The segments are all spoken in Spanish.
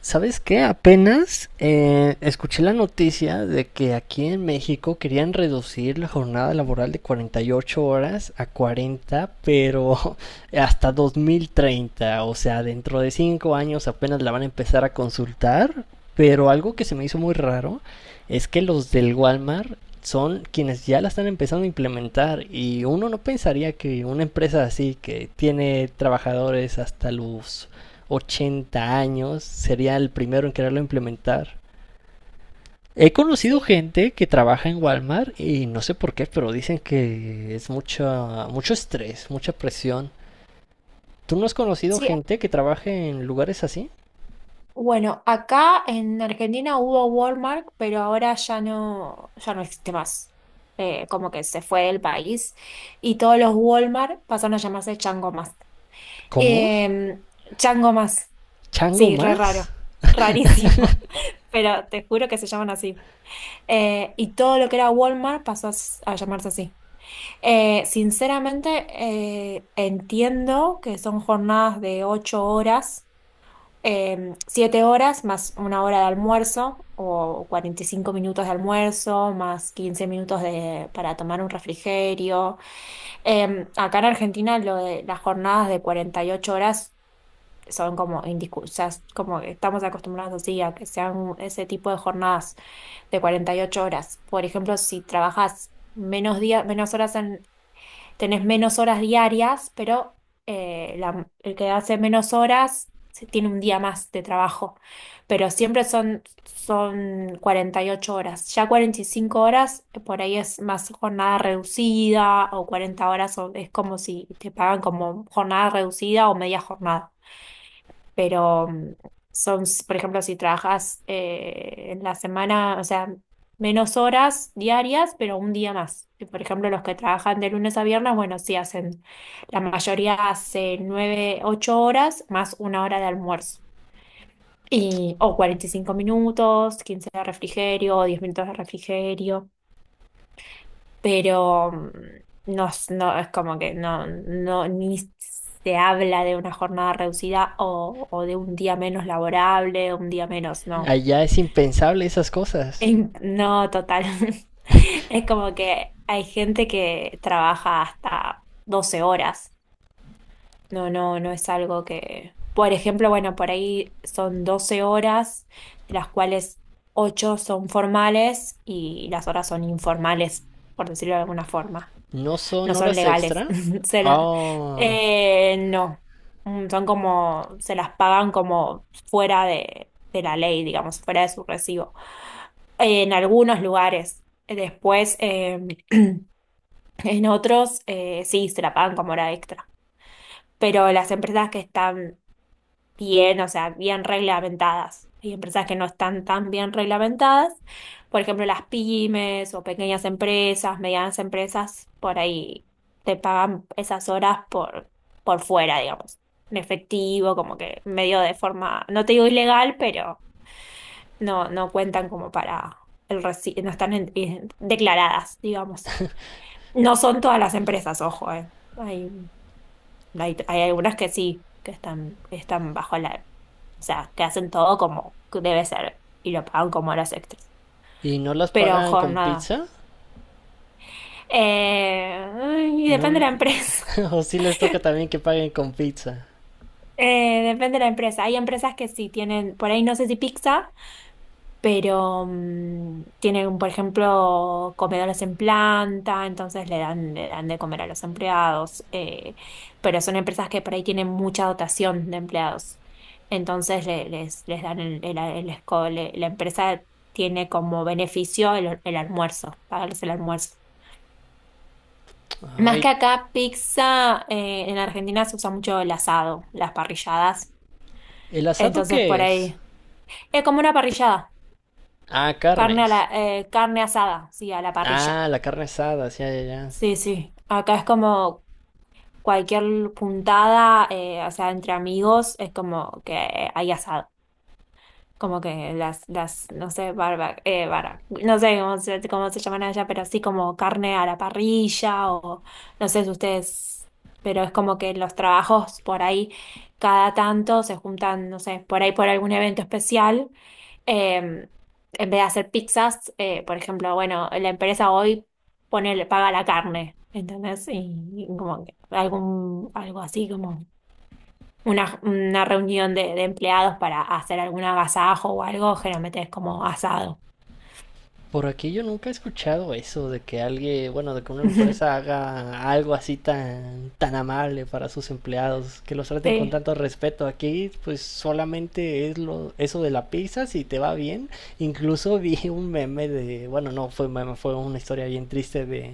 ¿Sabes qué? Apenas escuché la noticia de que aquí en México querían reducir la jornada laboral de 48 horas a 40, pero hasta 2030, o sea, dentro de 5 años apenas la van a empezar a consultar, pero algo que se me hizo muy raro es que los del Walmart son quienes ya la están empezando a implementar y uno no pensaría que una empresa así que tiene trabajadores hasta los 80 años, sería el primero en quererlo implementar. He conocido Sí. gente que trabaja en Walmart y no sé por qué, pero dicen que es mucha, mucho estrés, mucha presión. ¿Tú no has conocido Sí, gente que trabaje en lugares así? bueno, acá en Argentina hubo Walmart, pero ahora ya no, ya no existe más. Como que se fue del país y todos los Walmart pasaron a llamarse Chango Más. ¿Cómo? Em, Chango Más, ¿Chango sí, re más? raro, rarísimo, pero te juro que se llaman así. Y todo lo que era Walmart pasó a, a llamarse así. Sinceramente, entiendo que son jornadas de ocho horas siete horas más una hora de almuerzo o 45 minutos de almuerzo más 15 minutos de, para tomar un refrigerio. Acá en Argentina lo de las jornadas de 48 horas son como indiscusas, como que estamos acostumbrados así a que sean ese tipo de jornadas de 48 horas. Por ejemplo, si trabajas menos días, menos horas tenés menos horas diarias, pero el que hace menos horas tiene un día más de trabajo. Pero siempre son 48 horas. Ya 45 horas, por ahí es más jornada reducida o 40 horas, o es como si te pagan como jornada reducida o media jornada pero son, por ejemplo, si trabajas en la semana, o sea, menos horas diarias, pero un día más. Y, por ejemplo, los que trabajan de lunes a viernes, bueno, sí hacen, la mayoría hace nueve, ocho horas más una hora de almuerzo. Y, o 45 minutos, 15 de refrigerio, 10 minutos de refrigerio pero no, no es como que no, no, ni se habla de una jornada reducida o de un día menos laborable, un día menos, no. Allá es impensable esas cosas. No, total. Es como que hay gente que trabaja hasta 12 horas. No, no, no es algo que... Por ejemplo, bueno, por ahí son 12 horas, de las cuales 8 son formales y las horas son informales, por decirlo de alguna forma. ¿No No son son horas legales. extra? Se la- Oh, no. Son como, se las pagan como fuera de la ley, digamos, fuera de su recibo. En algunos lugares. Después, en otros, sí, se la pagan como hora extra. Pero las empresas que están bien, o sea, bien reglamentadas. Hay empresas que no están tan bien reglamentadas. Por ejemplo, las pymes o pequeñas empresas, medianas empresas, por ahí te pagan esas horas por fuera, digamos, en efectivo, como que medio de forma, no te digo ilegal, pero no, no cuentan como para no están declaradas, digamos. No son todas las empresas, ojo, No hay, hay algunas que sí, que están bajo la, o sea, que hacen todo como debe ser y lo pagan como horas extras. ¿y no las Pero pagan con jornada. pizza? Eh, y ¿No... depende l- de la empresa. ¿O sí les toca también que paguen con pizza? Depende de la empresa. Hay empresas que sí tienen, por ahí no sé si pizza. Pero tienen, por ejemplo, comedores en planta, entonces le dan de comer a los empleados, pero son empresas que por ahí tienen mucha dotación de empleados, entonces les, les dan el, la empresa tiene como beneficio el almuerzo, pagarles el almuerzo. Más que Ay, acá, pizza, en Argentina se usa mucho el asado, las parrilladas, ¿el asado entonces qué por es? ahí, es como una parrillada, Ah, carne, a carnes. la, carne asada, sí, a la parrilla. Ah, la carne asada, sí, ya, ya. Sí, sí, acá es como cualquier puntada, o sea, entre amigos, es como que hay asado, como que las, no sé, barba, no sé cómo se llaman allá, pero así como carne a la parrilla o no sé si ustedes, pero es como que los trabajos por ahí cada tanto se juntan, no sé, por ahí por algún evento especial em, en vez de hacer pizzas, por ejemplo, bueno, la empresa hoy pone, le paga la carne, ¿entendés? Y como que algún, algo así como una reunión de empleados para hacer algún agasajo o algo, generalmente es como asado. Por aquí yo nunca he escuchado eso de que alguien, bueno, de que una empresa haga algo así tan, tan amable para sus empleados, que los traten con Sí. tanto respeto. Aquí, pues solamente es lo, eso de la pizza, si te va bien. Incluso vi un meme de, bueno, no fue meme, fue una historia bien triste de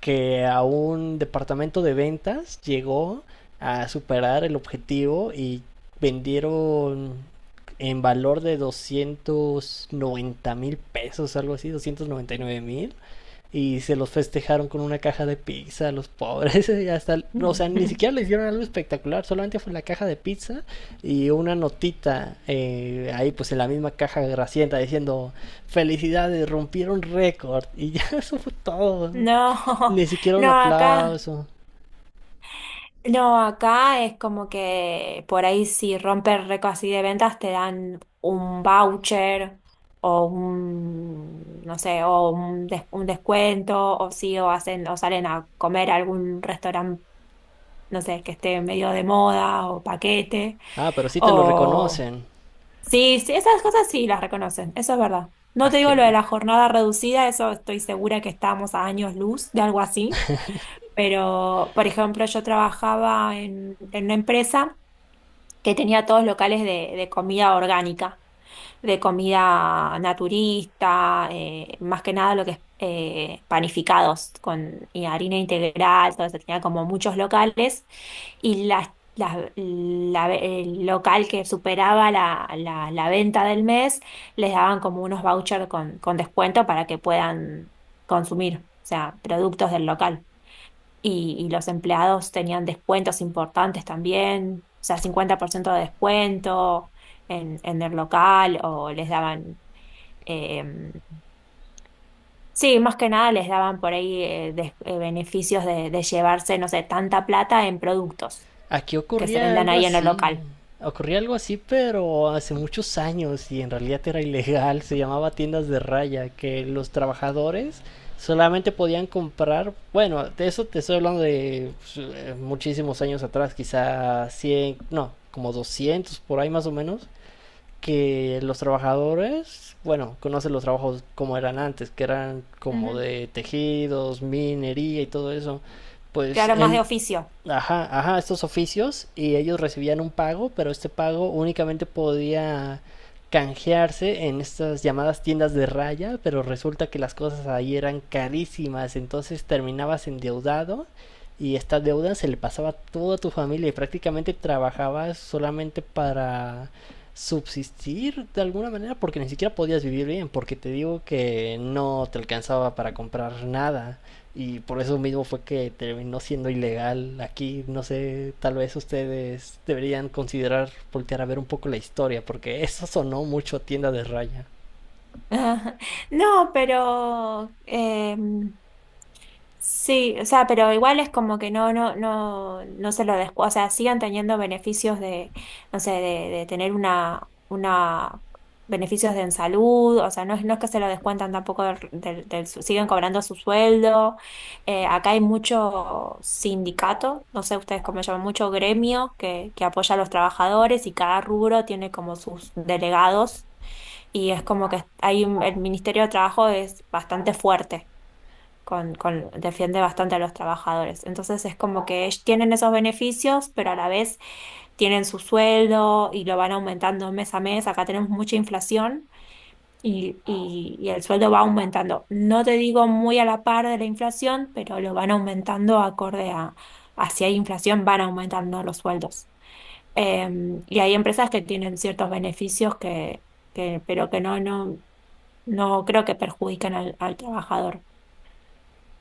que a un departamento de ventas llegó a superar el objetivo y vendieron en valor de 290 mil pesos, algo así, 299 mil. Y se los festejaron con una caja de pizza, los pobres. Hasta, o sea, ni siquiera le hicieron algo espectacular, solamente fue la caja de pizza y una notita ahí, pues en la misma caja gracienta diciendo: Felicidades, rompieron récord. Y ya eso fue todo. No, Ni siquiera un no, acá. aplauso. No, acá es como que por ahí si rompes récord así de ventas te dan un voucher o un, no sé, un descuento o sí, o hacen, o salen a comer a algún restaurante, no sé, que esté medio de moda o paquete Ah, pero sí te lo o... reconocen. Sí, sí, esas cosas sí las reconocen, eso es verdad. No Ah, te qué digo lo de la envidia. jornada reducida, eso estoy segura que estamos a años luz de algo así. Pero, por ejemplo, yo trabajaba en una empresa que tenía todos locales de comida orgánica, de comida naturista, más que nada lo que es panificados con y harina integral, todo eso, tenía como muchos locales y el local que superaba la, la venta del mes les daban como unos vouchers con descuento para que puedan consumir, o sea, productos del local y los empleados tenían descuentos importantes también, o sea, 50% de descuento en el local o les daban, em, sí, más que nada les daban por ahí beneficios de llevarse, no sé, tanta plata en productos Aquí que se ocurría vendan algo ahí en el así. local. Ocurría algo así, pero hace muchos años y en realidad era ilegal. Se llamaba tiendas de raya, que los trabajadores solamente podían comprar, bueno, de eso te estoy hablando de pues, muchísimos años atrás, quizá 100, no, como 200 por ahí más o menos, que los trabajadores, bueno, conocen los trabajos como eran antes, que eran como Ujú. de tejidos, minería y todo eso. Pues Claro, más de el, oficio. ajá, ajá, estos oficios y ellos recibían un pago, pero este pago únicamente podía canjearse en estas llamadas tiendas de raya, pero resulta que las cosas ahí eran carísimas, entonces terminabas endeudado y esta deuda se le pasaba a toda tu familia y prácticamente trabajabas solamente para subsistir de alguna manera porque ni siquiera podías vivir bien, porque te digo que no te alcanzaba para comprar nada. Y por eso mismo fue que terminó siendo ilegal aquí. No sé, tal vez ustedes deberían considerar voltear a ver un poco la historia, porque eso sonó mucho a tienda de raya. No, pero sí, o sea, pero igual es como que no, no, no, no se lo descu... O sea, sigan teniendo beneficios de, no sé, de tener una, beneficios de en salud, o sea, no es, no es que se lo descuentan tampoco del, siguen cobrando su sueldo. Acá hay mucho sindicato, no sé ustedes cómo llaman, mucho gremio que apoya a los trabajadores y cada rubro tiene como sus delegados y es como que el Ministerio de Trabajo es bastante fuerte con, defiende bastante a los trabajadores. Entonces es como que ellos tienen esos beneficios, pero a la vez tienen su sueldo y lo van aumentando mes a mes. Acá tenemos mucha inflación y, y el sueldo va aumentando. No te digo muy a la par de la inflación, pero lo van aumentando acorde a si hay inflación, van aumentando los sueldos. Eh, y hay empresas que tienen ciertos beneficios que, pero que no, no, no creo que perjudiquen al, al trabajador.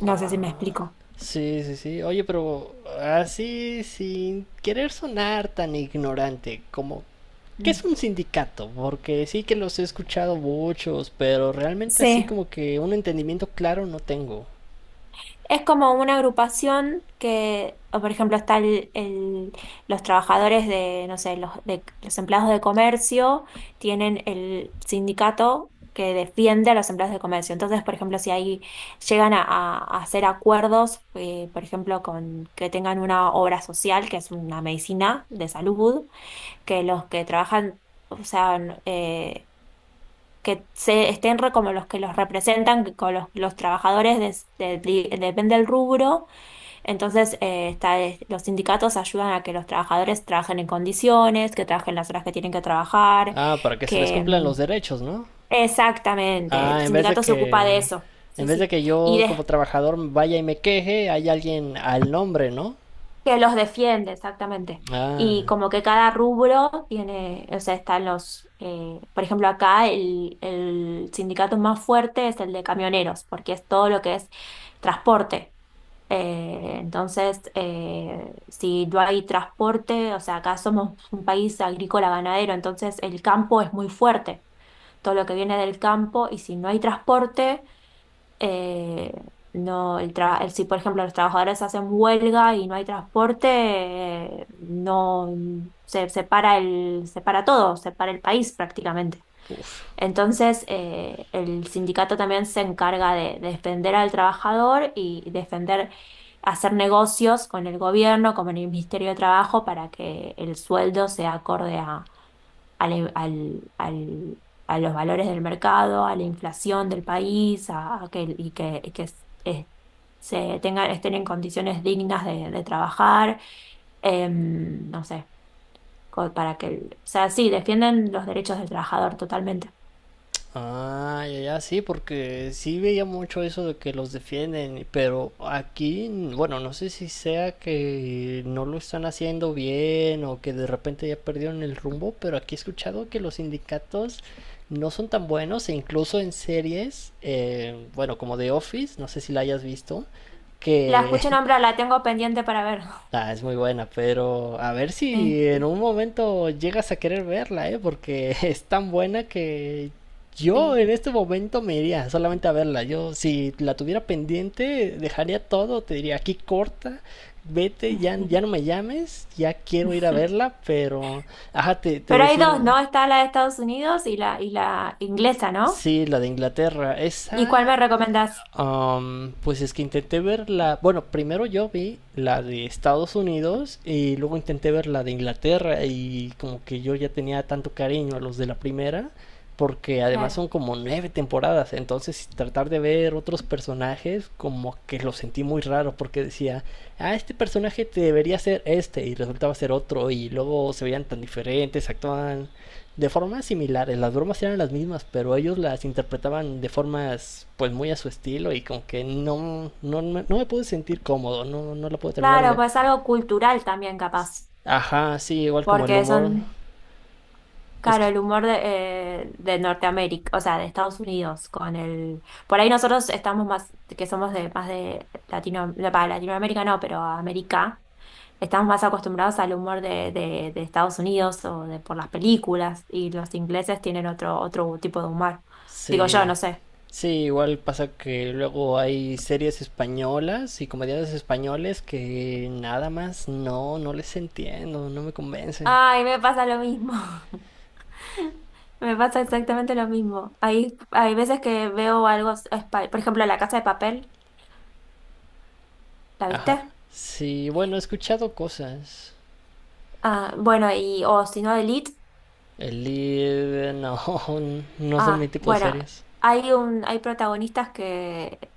No sé si me Ah, explico. sí, sí, sí. Oye, pero así, sin querer sonar tan ignorante, como ¿qué es Mm. un sindicato? Porque sí que los he escuchado muchos, pero realmente así Sí, como que un entendimiento claro no tengo. es como una agrupación que, o por ejemplo, está el, los trabajadores de, no sé, los, de, los empleados de comercio tienen el sindicato que defiende a los empleados de comercio. Entonces, por ejemplo, si ahí llegan a, a hacer acuerdos, por ejemplo, con que tengan una obra social, que es una medicina de salud, que los que trabajan, o sea, que como los que los representan, que con los trabajadores depende del rubro, entonces está, los sindicatos ayudan a que los trabajadores trabajen en condiciones, que trabajen las horas que tienen que trabajar, Ah, para que se les que cumplan los derechos, ¿no? exactamente, el Ah, sindicato se ocupa de eso. en Sí, vez de sí. que Y yo de- como trabajador vaya y me queje, hay alguien al nombre, ¿no? que los defiende, exactamente. Ah, Y como que cada rubro tiene, o sea, están los, por ejemplo, acá el sindicato más fuerte es el de camioneros, porque es todo lo que es transporte. Entonces, si no hay transporte, o sea, acá somos un país agrícola ganadero, entonces el campo es muy fuerte, todo lo que viene del campo, y si no hay transporte eh, no, si por ejemplo los trabajadores hacen huelga y no hay transporte, no se, se para el, se para todo, se para el país prácticamente. uf. Entonces, el sindicato también se encarga de defender al trabajador y defender, hacer negocios con el gobierno, con el Ministerio de Trabajo, para que el sueldo sea acorde al- e, al- al- a los valores del mercado, a la inflación del país, a que, y que, se tengan, estén en condiciones dignas de trabajar, no sé, para que, o sea, sí, defienden los derechos del trabajador totalmente. Ah, ya, ya, sí, porque sí veía mucho eso de que los defienden, pero aquí, bueno, no sé si sea que no lo están haciendo bien o que de repente ya perdieron el rumbo, pero aquí he escuchado que los sindicatos no son tan buenos e incluso en series, bueno, como The Office, no sé si la hayas visto, La que escuché nombrar, la tengo pendiente para ver. ah, es muy buena, pero a ver Sí, si en un momento llegas a querer verla, ¿eh? Porque es tan buena que yo sí. en este momento me iría solamente a verla. Yo si la tuviera pendiente, dejaría todo, te diría, aquí corta, vete, ya, ya no me llames, ya quiero ir a verla, pero... Ajá, te Pero hay decía... dos, ¿no? Está la de Estados Unidos y la inglesa, ¿no? Sí, la de Inglaterra, ¿Y cuál esa me recomendás? Pues es que intenté ver la. Bueno, primero yo vi la de Estados Unidos y luego intenté ver la de Inglaterra y como que yo ya tenía tanto cariño a los de la primera porque además Claro. son como nueve temporadas, entonces tratar de ver otros personajes como que lo sentí muy raro porque decía, ah, este personaje debería ser este y resultaba ser otro y luego se veían tan diferentes, actuaban de formas similares. Las bromas eran las mismas, pero ellos las interpretaban de formas pues muy a su estilo y como que no, no, no me pude sentir cómodo, no, no la pude terminar de Claro, ver. pues algo cultural también capaz. Ajá, sí, igual como el Porque humor, son, es claro, que el humor de Norteamérica, o sea, de Estados Unidos, con el... Por ahí nosotros estamos más, que somos de más de Latino, no, para Latinoamérica no, pero América, estamos más acostumbrados al humor de Estados Unidos o de por las películas, y los ingleses tienen otro, otro tipo de humor. Digo yo, sí, no sé. sí, igual pasa que luego hay series españolas y comediantes españoles que nada más no, no les entiendo, no me convencen. Ay, me pasa lo mismo. Me pasa exactamente lo mismo. Hay veces que veo algo, por ejemplo, La Casa de Papel, ¿la Ajá, viste? sí, bueno, he escuchado cosas. Ah, bueno, y o si no Elite, El lead, no, no son mi ah, tipo de bueno, series. hay un, hay protagonistas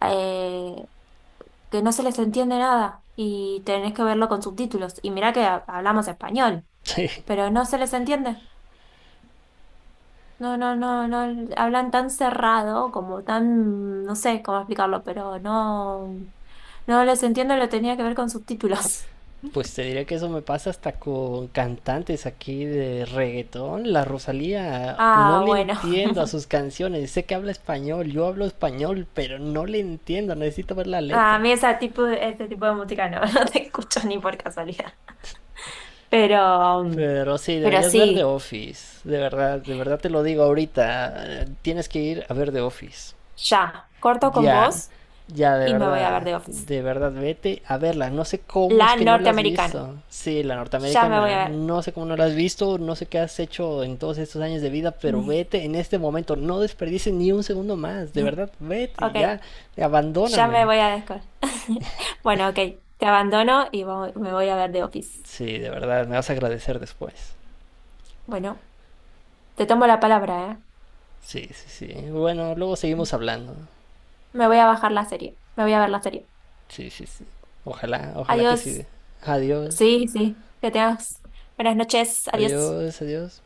eh, que no se les entiende nada y tenés que verlo con subtítulos. Y mirá que hablamos español, Sí, pero no se les entiende. No, no, no, no, hablan tan cerrado, como tan, no sé cómo explicarlo, pero no, no les entiendo, lo tenía que ver con subtítulos. pues te diré que eso me pasa hasta con cantantes aquí de reggaetón. La Rosalía, no Ah, le bueno. entiendo a sus canciones. Sé que habla español, yo hablo español, pero no le entiendo. Necesito ver la A letra. mí ese tipo, ese tipo de música no, no te escucho ni por casualidad. Pero, Pero sí, pero deberías ver The sí. Office. De verdad te lo digo ahorita. Tienes que ir a ver The Office. Ya, corto con Ya, vos ya, y me voy a ver The Office. de verdad, vete a verla. No sé cómo es La que no la has norteamericana. visto. Sí, la Ya me voy norteamericana, a ver. no sé cómo no la has visto, no sé qué has hecho en todos estos años de vida, pero vete en este momento, no desperdices ni un segundo más, de verdad, vete, ya, Ok, ya me abandóname. voy a descol. Bueno, ok, te abandono y me voy a ver The Office. Sí, de verdad, me vas a agradecer después. Bueno, te tomo la palabra, ¿eh? Sí, sí, sí. Bueno, luego seguimos hablando. Me voy a bajar la serie. Me voy a ver la serie. Sí, sí, sí. Ojalá, ojalá que sí. Adiós. Adiós, Sí, sí, que tengas buenas noches. Adiós. adiós, adiós.